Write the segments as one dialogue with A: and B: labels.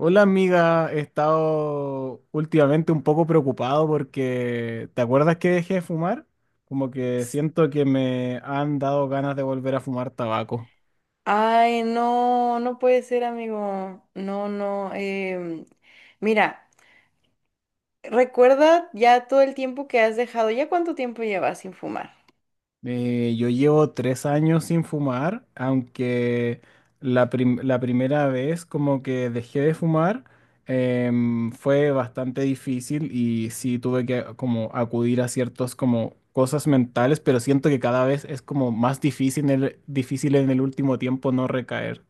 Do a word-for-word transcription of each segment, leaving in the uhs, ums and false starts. A: Hola amiga, he estado últimamente un poco preocupado porque, ¿te acuerdas que dejé de fumar? Como que siento que me han dado ganas de volver a fumar tabaco.
B: Ay, no, no puede ser, amigo. No, no. Em, mira, recuerda ya todo el tiempo que has dejado. ¿Ya cuánto tiempo llevas sin fumar?
A: Eh, yo llevo tres años sin fumar, aunque la, prim- la primera vez como que dejé de fumar em, fue bastante difícil y sí tuve que como acudir a ciertos como cosas mentales, pero siento que cada vez es como más difícil en el, difícil en el último tiempo no recaer.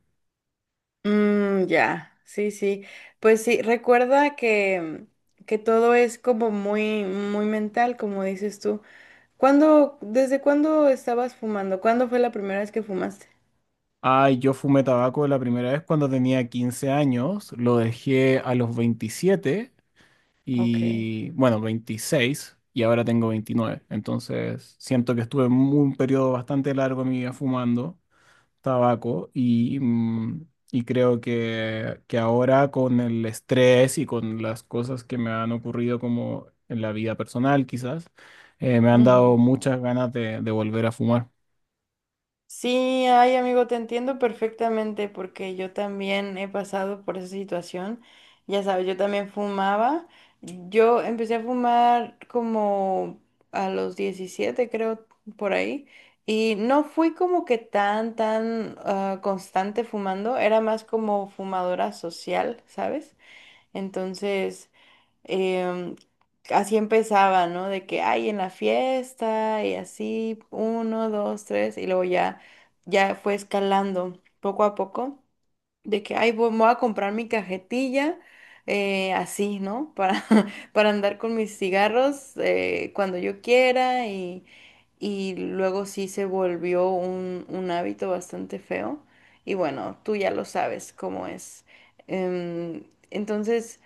B: Mm, ya, sí, sí. Pues sí, recuerda que, que todo es como muy, muy mental, como dices tú. ¿Cuándo, desde cuándo estabas fumando? ¿Cuándo fue la primera vez que fumaste?
A: Ay, yo fumé tabaco la primera vez cuando tenía quince años, lo dejé a los veintisiete.
B: Ok.
A: Y bueno, veintiséis, y ahora tengo veintinueve. Entonces siento que estuve en un periodo bastante largo de mi vida fumando tabaco y, mm, y creo que, que ahora con el estrés y con las cosas que me han ocurrido como en la vida personal quizás, eh, me han dado muchas ganas de, de volver a fumar.
B: Sí, ay amigo, te entiendo perfectamente porque yo también he pasado por esa situación. Ya sabes, yo también fumaba. Yo empecé a fumar como a los diecisiete, creo, por ahí. Y no fui como que tan, tan ah, constante fumando. Era más como fumadora social, ¿sabes? Entonces, em, así empezaba, ¿no? De que hay en la fiesta y así, uno, dos, tres, y luego ya, ya fue escalando poco a poco, de que, ay, voy, me voy a comprar mi cajetilla, eh, así, ¿no? Para, para andar con mis cigarros eh, cuando yo quiera y, y luego sí se volvió un, un hábito bastante feo. Y bueno, tú ya lo sabes cómo es. Em, entonces...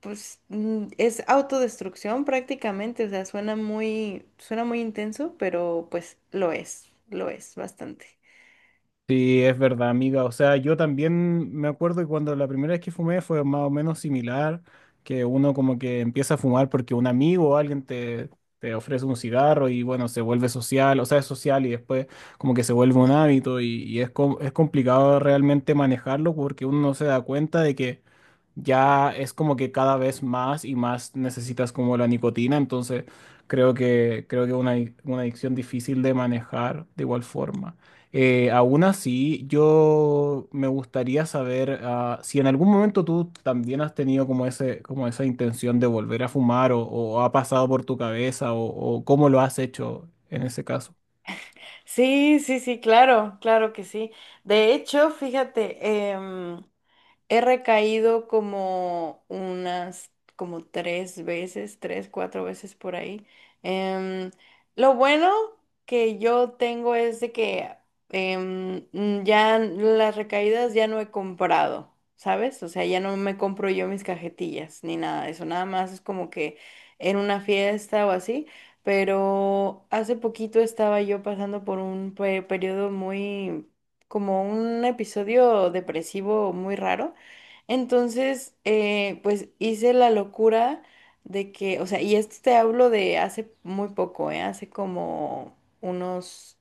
B: Pues mm, es autodestrucción prácticamente, o sea, suena muy, suena muy intenso, pero pues lo es, lo es bastante.
A: Sí, es verdad, amiga. O sea, yo también me acuerdo que cuando la primera vez que fumé fue más o menos similar, que uno como que empieza a fumar porque un amigo o alguien te, te ofrece un cigarro y bueno, se vuelve social, o sea, es social y después como que se vuelve un hábito y, y es, com- es complicado realmente manejarlo porque uno no se da cuenta de que ya es como que cada vez más y más necesitas como la nicotina, entonces creo que, creo que una, una adicción difícil de manejar de igual forma. Eh, aún así, yo me gustaría saber, ah, si en algún momento tú también has tenido como ese, como esa intención de volver a fumar o, o ha pasado por tu cabeza o, o cómo lo has hecho en ese caso.
B: Sí, sí, sí, claro, claro que sí. De hecho, fíjate, he recaído como unas, como tres veces, tres, cuatro veces por ahí. Em, lo bueno que yo tengo es de que em, mm, ya las recaídas ya no he comprado, ¿sabes? O sea, ya no me compro yo mis cajetillas ni nada de eso. Nada más es como que en una fiesta o así. Pero hace poquito estaba yo pasando por un pe- periodo muy, como un episodio depresivo muy raro. Entonces, eh, pues hice la locura de que, o sea, y esto te hablo de hace muy poco, ¿eh? Hace como unos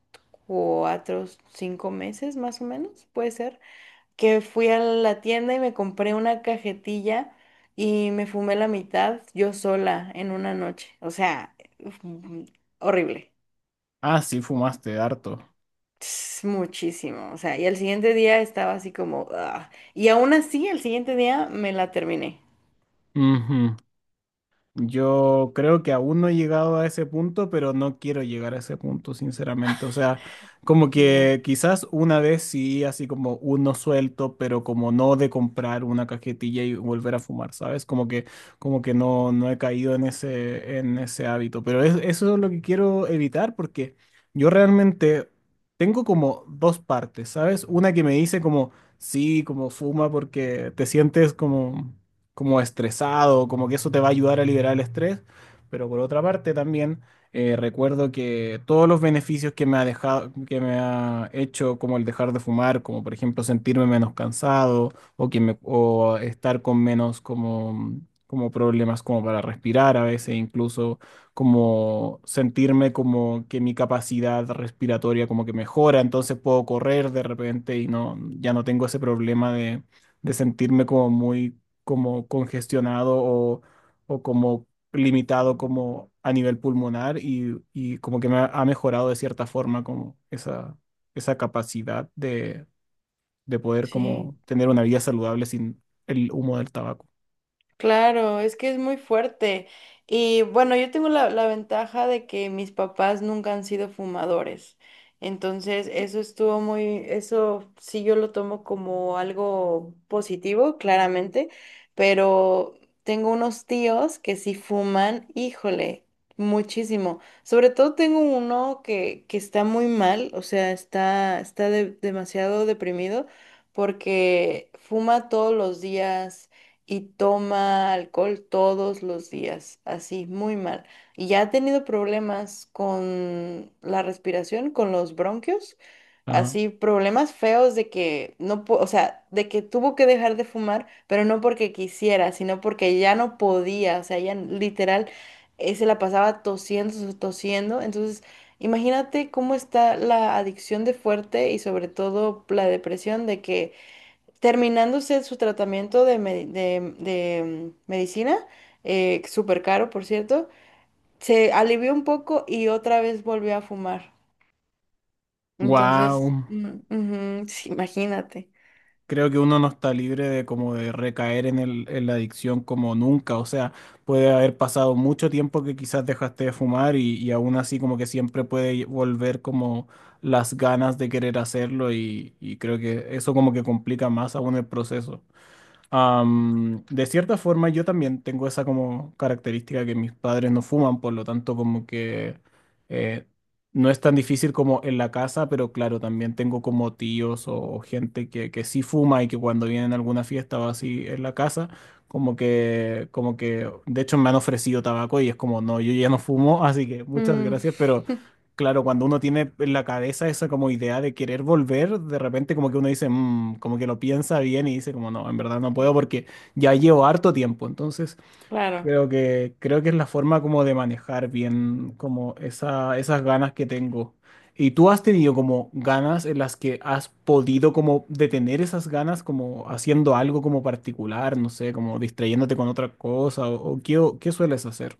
B: cuatro, cinco meses más o menos, puede ser, que fui a la tienda y me compré una cajetilla y me fumé la mitad yo sola en una noche. O sea, mm, horrible.
A: Ah, sí, fumaste harto.
B: Ts, muchísimo. O sea, y al siguiente día estaba así como, "Ah". Y aún así, el siguiente día me la terminé.
A: Ujú. Yo creo que aún no he llegado a ese punto, pero no quiero llegar a ese punto, sinceramente. O sea, como
B: No.
A: que quizás una vez sí, así como uno suelto, pero como no de comprar una cajetilla y volver a fumar, ¿sabes? Como que, como que no, no he caído en ese, en ese hábito. Pero es- eso es lo que quiero evitar porque yo realmente tengo como dos partes, ¿sabes? Una que me dice como, sí, como fuma porque te sientes como como estresado, como que eso te va a ayudar a liberar el estrés, pero por otra parte también eh, recuerdo que todos los beneficios que me ha dejado, que me ha hecho, como el dejar de fumar, como por ejemplo sentirme menos cansado o, que me- o estar con menos como, como problemas como para respirar a veces, incluso como sentirme como que mi capacidad respiratoria como que mejora, entonces puedo correr de repente y no, ya no tengo ese problema de de sentirme como muy como congestionado o, o como limitado como a nivel pulmonar y, y como que me ha, ha mejorado de cierta forma como esa, esa capacidad de, de poder
B: Sí,
A: como tener una vida saludable sin el humo del tabaco.
B: claro, es que es muy fuerte. Y bueno, yo tengo la, la ventaja de que mis papás nunca han sido fumadores. Entonces, eso estuvo muy, eso sí yo lo tomo como algo positivo, claramente, pero tengo unos tíos que sí fuman, híjole, muchísimo. Sobre todo tengo uno que, que está muy mal, o sea, está, está de- demasiado deprimido porque fuma todos los días. Y toma alcohol todos los días, así, muy mal. Y ya ha tenido problemas con la respiración, con los bronquios,
A: Ajá.
B: así, problemas feos de que no, po- o sea, de que tuvo que dejar de fumar, pero no porque quisiera, sino porque ya no podía, o sea, ya literal eh, se la pasaba tosiendo, tos- tosiendo, entonces... Imagínate cómo está la adicción de fuerte y sobre todo la depresión de que terminando usted su tratamiento de, me- de- de, mm, medicina, eh, súper caro, por cierto, se alivió un poco y otra vez volvió a fumar. Entonces,
A: Wow.
B: mm, ujú, sí, imagínate.
A: Creo que uno no está libre de como de recaer en el, en la adicción como nunca. O sea, puede haber pasado mucho tiempo que quizás dejaste de fumar y, y aún así como que siempre puede volver como las ganas de querer hacerlo y, y creo que eso como que complica más aún el proceso. Am, de cierta forma, yo también tengo esa como característica que mis padres no fuman, por lo tanto, como que eh, no es tan difícil como en la casa, pero claro, también tengo como tíos o, o gente que, que sí fuma y que cuando vienen a alguna fiesta o así en la casa, como que, como que, de hecho, me han ofrecido tabaco y es como, no, yo ya no fumo, así que muchas
B: Mm,
A: gracias, pero claro, cuando uno tiene en la cabeza esa como idea de querer volver, de repente como que uno dice, "Mm", como que lo piensa bien y dice como no, en verdad no puedo porque ya llevo harto tiempo. Entonces
B: claro.
A: creo que creo que es la forma como de manejar bien como esa, esas ganas que tengo. ¿Y tú has tenido como ganas en las que has podido como detener esas ganas como haciendo algo como particular, no sé, como distrayéndote con otra cosa o, o qué, qué sueles hacer?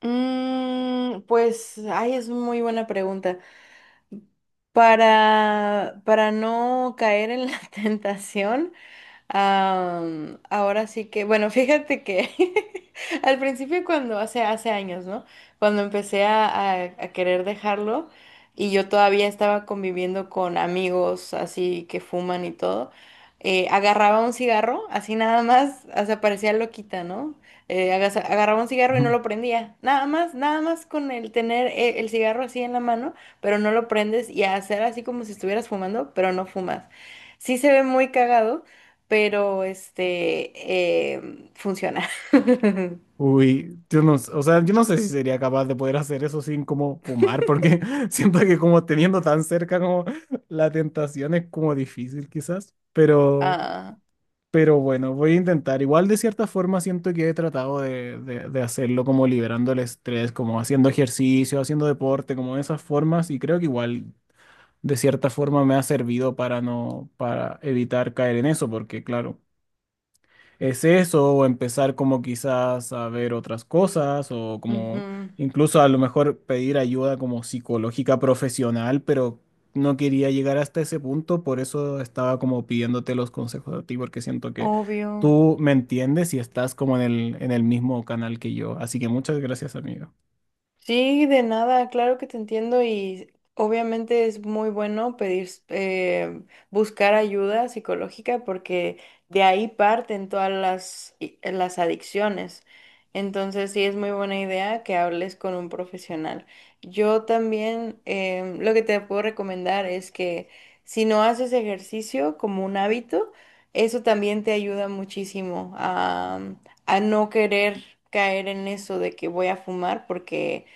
B: Mm, pues, ay, es muy buena pregunta. Para, para no caer en la tentación. Am, ahora sí que, bueno, fíjate que al principio cuando, hace, hace años, ¿no? Cuando empecé a, a- a querer dejarlo y yo todavía estaba conviviendo con amigos así que fuman y todo, eh, agarraba un cigarro, así nada más, o sea, parecía loquita, ¿no? Eh, agas- agarraba un cigarro y no lo prendía, nada más, nada más con el tener eh, el cigarro así en la mano, pero no lo prendes y hacer así como si estuvieras fumando, pero no fumas. Sí se ve muy cagado pero este em, funciona.
A: Uy, yo no, s- o sea, yo no sé si sería capaz de poder hacer eso sin como fumar, porque siento que como teniendo tan cerca como la tentación es como difícil quizás, pero,
B: Ah,
A: pero bueno, voy a intentar. Igual de cierta forma siento que he tratado de, de, de hacerlo como liberando el estrés, como haciendo ejercicio, haciendo deporte, como de esas formas, y creo que igual de cierta forma me ha servido para no, para evitar caer en eso, porque claro es eso, o empezar como quizás a ver otras cosas, o como
B: ujú,
A: incluso a lo mejor pedir ayuda como psicológica profesional, pero no quería llegar hasta ese punto, por eso estaba como pidiéndote los consejos a ti, porque siento que
B: obvio.
A: tú me entiendes y estás como en el, en el mismo canal que yo. Así que muchas gracias, amigo.
B: Sí, de nada, claro que te entiendo y obviamente es muy bueno pedir, eh, buscar ayuda psicológica porque de ahí parten todas las, i- las adicciones. Entonces sí es muy buena idea que hables con un profesional. Yo también em, lo que te puedo recomendar es que si no haces ejercicio como un hábito, eso también te ayuda muchísimo a, a no querer caer en eso de que voy a fumar porque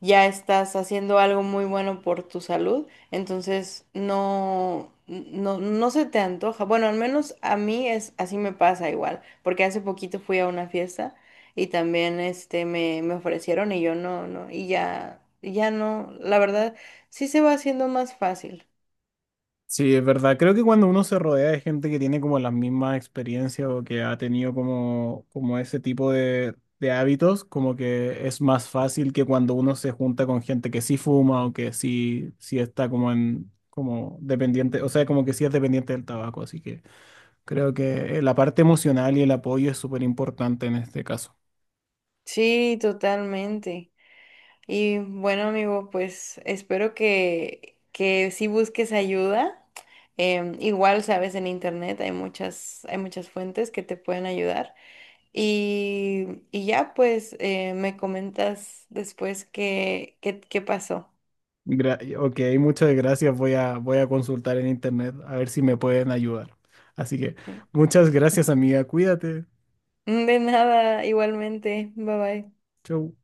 B: ya estás haciendo algo muy bueno por tu salud, entonces no, no, no se te antoja. Bueno, al menos a mí es así me pasa igual, porque hace poquito fui a una fiesta y también este me, me ofrecieron y yo no, no, y ya, ya no, la verdad, sí se va haciendo más fácil.
A: Sí, es verdad. Creo que cuando uno se rodea de gente que tiene como las mismas experiencias o que ha tenido como, como ese tipo de, de hábitos, como que es más fácil que cuando uno se junta con gente que sí fuma o que sí, sí está como en, como dependiente, o sea, como que sí es dependiente del tabaco. Así que creo que eh, la parte emocional y el apoyo es súper importante en este caso.
B: Sí, totalmente. Y bueno, amigo, pues espero que, que sí busques ayuda. Em, igual, sabes, en internet hay muchas, hay muchas fuentes que te pueden ayudar. Y, y ya, pues, eh, me comentas después qué, qué, qué pasó.
A: Gra- ok, muchas gracias. Voy a, voy a consultar en internet a ver si me pueden ayudar. Así que
B: ¿Sí?
A: muchas gracias, amiga. Cuídate.
B: De nada, igualmente. Bye bye.
A: Chau.